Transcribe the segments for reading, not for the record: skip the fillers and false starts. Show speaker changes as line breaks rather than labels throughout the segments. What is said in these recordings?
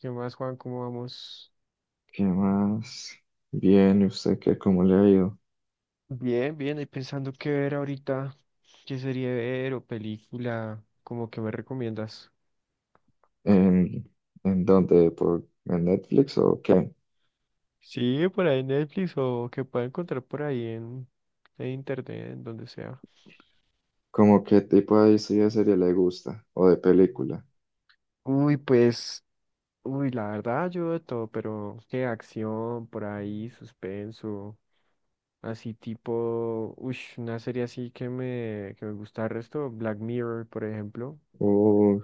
¿Qué más, Juan? ¿Cómo vamos?
¿Qué más? Bien, ¿y usted qué? ¿Cómo le ha ido?
Bien, bien, ahí pensando qué ver ahorita, qué serie ver o película, como que me recomiendas.
¿En, en dónde? ¿En Netflix o qué?
Sí, por ahí en Netflix o que pueda encontrar por ahí en internet, en donde sea.
¿Cómo qué tipo de historia de serie le gusta? ¿O de película?
Uy, pues, uy, la verdad yo de todo, pero qué acción por ahí, suspenso, así tipo, uy, una serie así que me gusta el resto, Black Mirror, por ejemplo.
¿O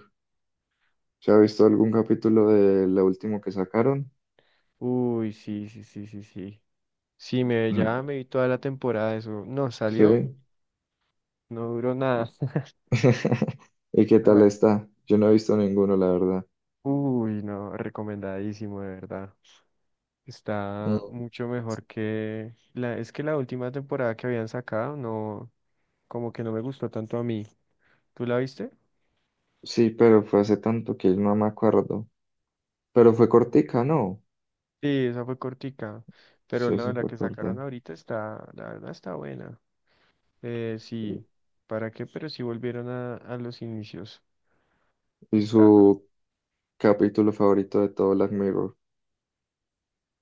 se ha visto algún capítulo de lo último que sacaron?
Uy, sí, sí, sí, sí, sí. Sí,
Mm.
ya me vi toda la temporada de eso. No salió,
Sí.
no duró nada.
¿Y qué
No,
tal está? Yo no he visto ninguno, la verdad.
uy, no, recomendadísimo, de verdad. Está
Mm.
mucho mejor que es que la última temporada que habían sacado, no, como que no me gustó tanto a mí. ¿Tú la viste?
Sí, pero fue hace tanto que no me acuerdo. Pero fue cortica, ¿no?
Sí, esa fue cortica, pero
Sí,
no,
eso
la
fue
que sacaron
corta.
ahorita está, la verdad está buena.
¿Y
Sí, ¿para qué? Pero sí volvieron a los inicios.
y
Está,
su capítulo favorito de todo Black Mirror?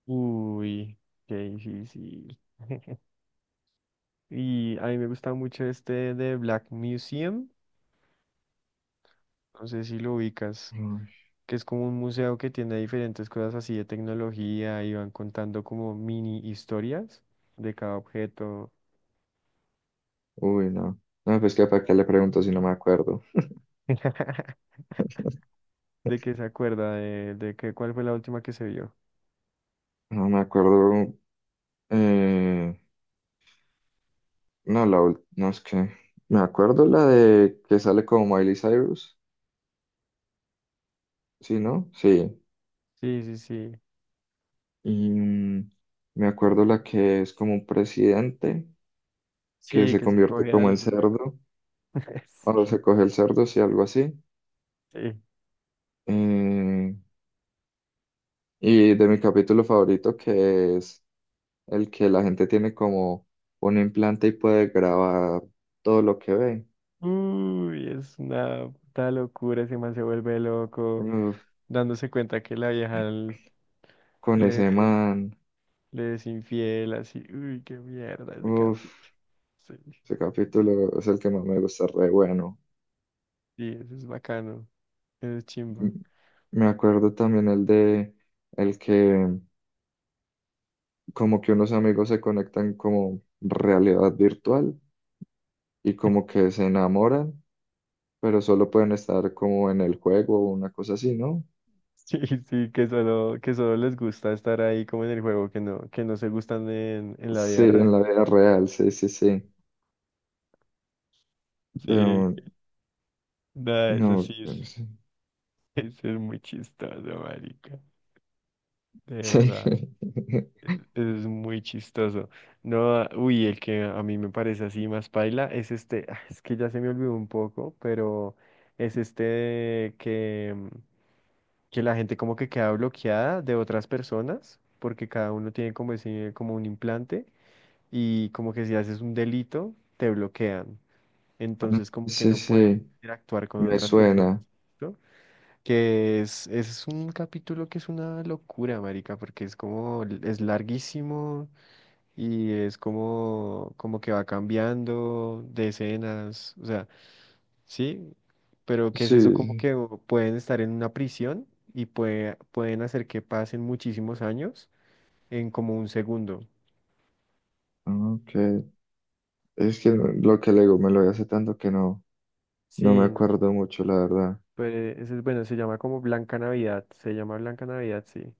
uy, qué difícil. Y a mí me gusta mucho este de Black Museum, no sé si lo ubicas,
Uy,
que es como un museo que tiene diferentes cosas así de tecnología y van contando como mini historias de cada objeto.
uy, no. No, pues que para qué le pregunto si no me acuerdo.
¿De qué se acuerda, cuál fue la última que se vio?
No me acuerdo. eh, no, no es que. Me acuerdo la de que sale como Miley Cyrus. Sí, ¿no? Sí.
Sí, sí, sí.
Y mm, me acuerdo la que es como un presidente que
Sí,
se
que se
convierte
coge
como en
al...
cerdo. O se coge el cerdo, sí, algo así.
Sí.
Eh, y de mi capítulo favorito, que es el que la gente tiene como un implante y puede grabar todo lo que ve.
Uy, es una puta locura, ese man se vuelve loco,
Uf,
dándose cuenta que la vieja
con ese
le,
man.
le es infiel, así. Uy, qué mierda ese
Uf,
capítulo. Sí,
ese capítulo es el que más me gusta, re bueno.
sí, eso es bacano. Eso es chimba.
M- Me acuerdo también el de el que como que unos amigos se conectan como realidad virtual y como que se enamoran, pero solo pueden estar como en el juego o una cosa así, ¿no?
Sí, sí, que solo les gusta estar ahí como en el juego, que no se gustan en la
Sí,
vida real.
en la vida real, sí, sí, sí.
Sí,
Pero,
nada, eso sí
no, pero
es,
sí.
eso es muy chistoso, marica. De
Sí,
verdad, eso es muy chistoso. No, ah, uy, el que a mí me parece así más paila es este, ah, es que ya se me olvidó un poco, pero es este que la gente como que queda bloqueada de otras personas, porque cada uno tiene como ese, como un implante, y como que si haces un delito, te bloquean. Entonces como que
sí,
no puedes
sí,
interactuar con
me
otras personas,
suena.
¿no? Que es un capítulo que es una locura, marica, porque es como, es larguísimo y es como, como que va cambiando de escenas, o sea. Sí, pero ¿qué es eso?
Sí,
Como que
sí.
pueden estar en una prisión y pueden hacer que pasen muchísimos años en como un segundo.
Ok. Es que
Ujú.
lo que le digo, me lo vi hace tanto que no, no me
Sí, no.
acuerdo mucho, la verdad.
Pues ese es bueno, se llama como Blanca Navidad. Se llama Blanca Navidad, sí.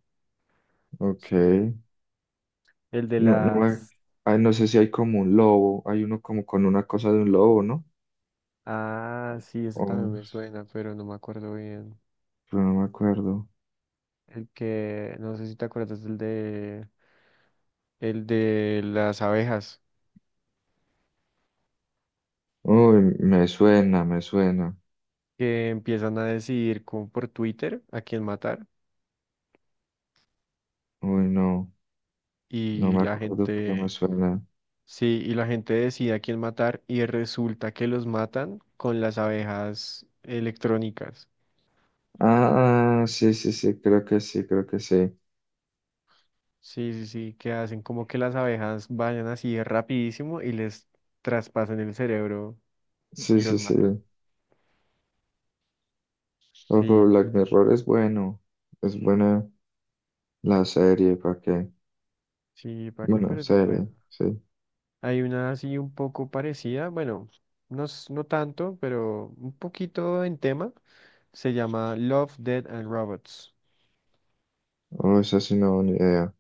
Ok.
Sí. El de
No, no me-
las.
ay, no sé si hay como un lobo, hay uno como con una cosa de un lobo, ¿no?
Ah, sí, ese también
Oh,
me suena, pero no me acuerdo bien.
pero no me acuerdo.
El que, no sé si te acuerdas, el de. El de las abejas
Uy, me suena, me suena.
que empiezan a decidir como por Twitter a quién matar
Uy, no, no
y
me
la
acuerdo, pero me
gente.
suena.
Sí, y la gente decide a quién matar y resulta que los matan con las abejas electrónicas.
Ah, ah, sí, sí, sí, creo que sí, creo que sí.
Sí, sí, sí, que hacen como que las abejas vayan así rapidísimo y les traspasan el cerebro
Sí,
y
sí,
los
sí.
matan.
Oh, pero
Sí,
Black Mirror es bueno. Es buena la serie, ¿para qué?
sí, ¿para qué?
Bueno,
Pero sí es bueno.
serie, sí.
Hay una así un poco parecida, bueno, no, no tanto, pero un poquito en tema. Se llama Love, Dead and Robots.
Oh, esa sí no, ni idea.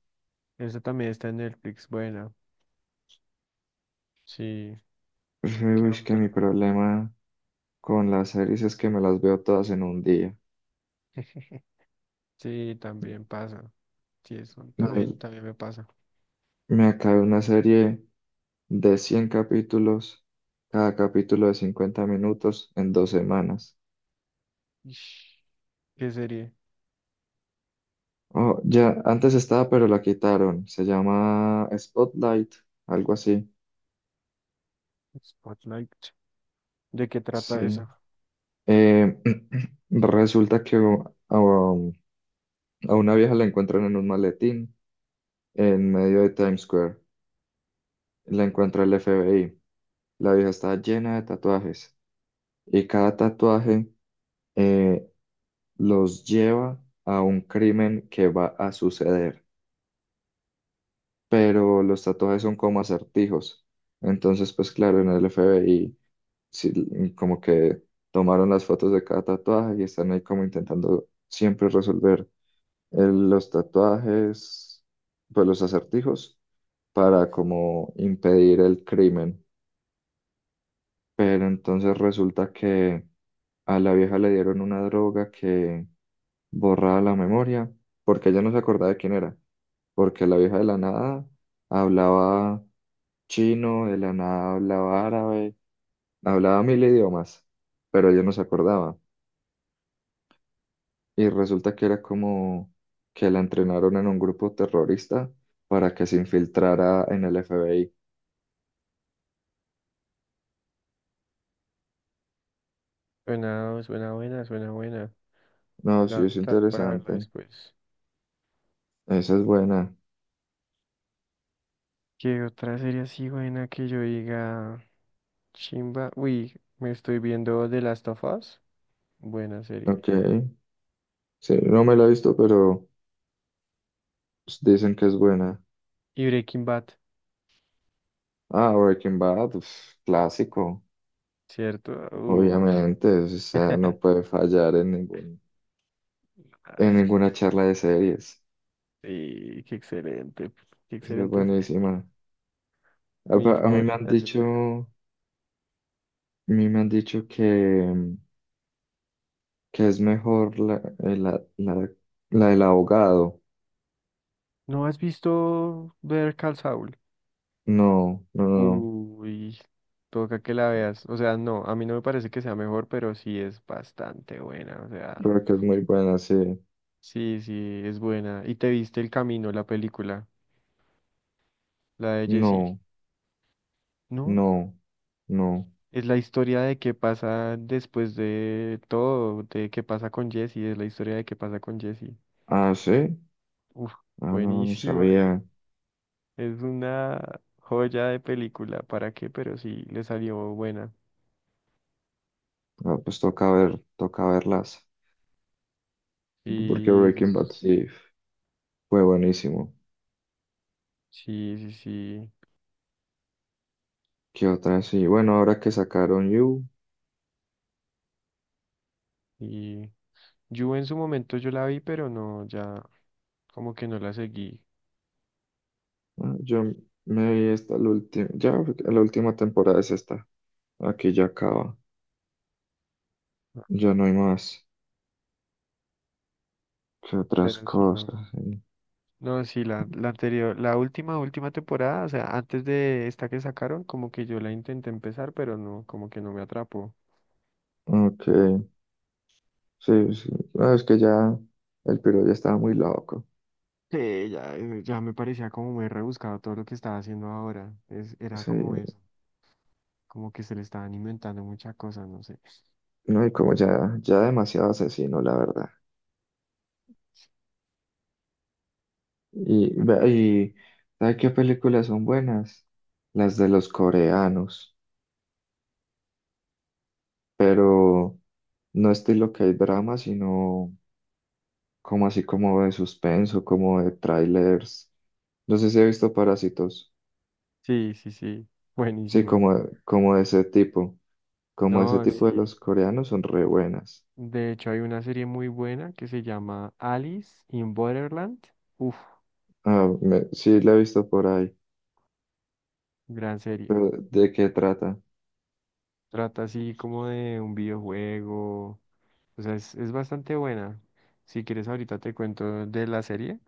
Esa también está en Netflix, buena. Sí,
Pues,
¿qué
uy, es que
otra?
mi problema con las series es que me las veo todas en un día.
Sí, también pasa. Sí, eso
No,
también, también me pasa.
me acabé una serie de 100 capítulos, cada capítulo de 50 minutos en dos semanas.
Ish, ¿qué serie?
Oh, ya, antes estaba, pero la quitaron. Se llama Spotlight, algo así.
Spotlight. ¿De qué trata
Sí.
eso?
Eh, resulta que a una vieja la encuentran en un maletín en medio de Times Square. La encuentra el FBI. La vieja está llena de tatuajes. Y cada tatuaje eh, los lleva a un crimen que va a suceder. Pero los tatuajes son como acertijos. Entonces, pues claro, en el FBI sí, como que tomaron las fotos de cada tatuaje y están ahí como intentando siempre resolver los tatuajes, pues los acertijos, para como impedir el crimen. Pero entonces resulta que a la vieja le dieron una droga que borrada la memoria, porque ella no se acordaba de quién era, porque la vieja de la nada hablaba chino, de la nada hablaba árabe, hablaba mil idiomas, pero ella no se acordaba. Y resulta que era como que la entrenaron en un grupo terrorista para que se infiltrara en el FBI.
Suena, suena buena, suena buena.
No,
La
sí,
voy a
es
anotar para verla
interesante.
después.
Esa es buena.
¿Qué otra serie así buena que yo diga? Chimba. Uy, me estoy viendo The Last of Us. Buena serie.
Ok. Sí, no me la he visto, pero pues, dicen que es buena.
Y Breaking Bad,
Ah, Breaking Bad, uf, clásico.
¿cierto? Uf.
Obviamente, o sea, no puede fallar en ningún,
Ah,
en
sí.
ninguna charla de series.
Sí, qué excelente. Qué
Es que es
excelente serie.
buenísima. A,
Mi
pa- a mí me han
favorita, yo
dicho,
creo.
a mí me han dicho que, mm, que es mejor la del abogado.
¿No has visto ver Call Saul?
No, no, no, no.
Uy, toca que la veas. O sea, no, a mí no me parece que sea mejor, pero sí es bastante buena. O sea,
Pero que es muy buena, sí.
sí, sí, es buena. ¿Y te viste El Camino, la película? La de Jesse.
No,
¿No?
no, no.
Es la historia de qué pasa después de todo, de qué pasa con Jesse, es la historia de qué pasa con Jesse.
Ah, sí.
Uf,
Ah, no, no
buenísima.
sabía.
Es una joya de película, ¿para qué? Pero sí, le salió buena.
Ah, pues toca ver, toca verlas. Porque
Y
Breaking Bad sí fue buenísimo.
sí, sí, sí.
¿Qué otra? Sí, bueno, ahora que sacaron You,
Y yo en su momento yo la vi, pero no, ya como que no la seguí.
¿no? Yo me vi hasta la última, ya la última temporada es esta, aquí ya acaba,
Ah,
ya no hay más. ¿Qué otras
pero sí, no.
cosas? Sí.
No, sí, la anterior, última temporada, o sea, antes de esta que sacaron, como que yo la intenté empezar, pero no, como que no me atrapó.
Ok, sí, sí, no, es que ya el piro ya estaba muy loco,
Sí, ya, ya me parecía como muy rebuscado todo lo que estaba haciendo ahora. Es, era
sí,
como eso, como que se le estaban inventando muchas cosas, no sé.
no, y como ya, ya demasiado asesino, la verdad. Y,
¿Para
ve-
qué?
y ¿sabes qué películas son buenas? Las de los coreanos, pero no estilo que hay drama, sino como así como de suspenso, como de trailers. No sé si he visto Parásitos.
Sí, sí, sí,
Sí,
buenísima.
como de ese tipo. Como ese
No,
tipo de
sí.
los coreanos son re buenas.
De hecho, hay una serie muy buena que se llama Alice in Borderland. Uf,
Ah, me- sí, la he visto por ahí.
gran serie.
Pero ¿de qué trata?
Trata así como de un videojuego. O sea, es bastante buena. Si quieres, ahorita te cuento de la serie.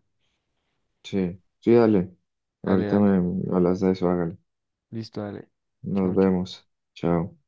Sí, sí, dale.
Dale,
Ahorita me
dale.
hablas de eso, hágale.
Listo, dale.
Nos
Chao, chao.
vemos. Chao.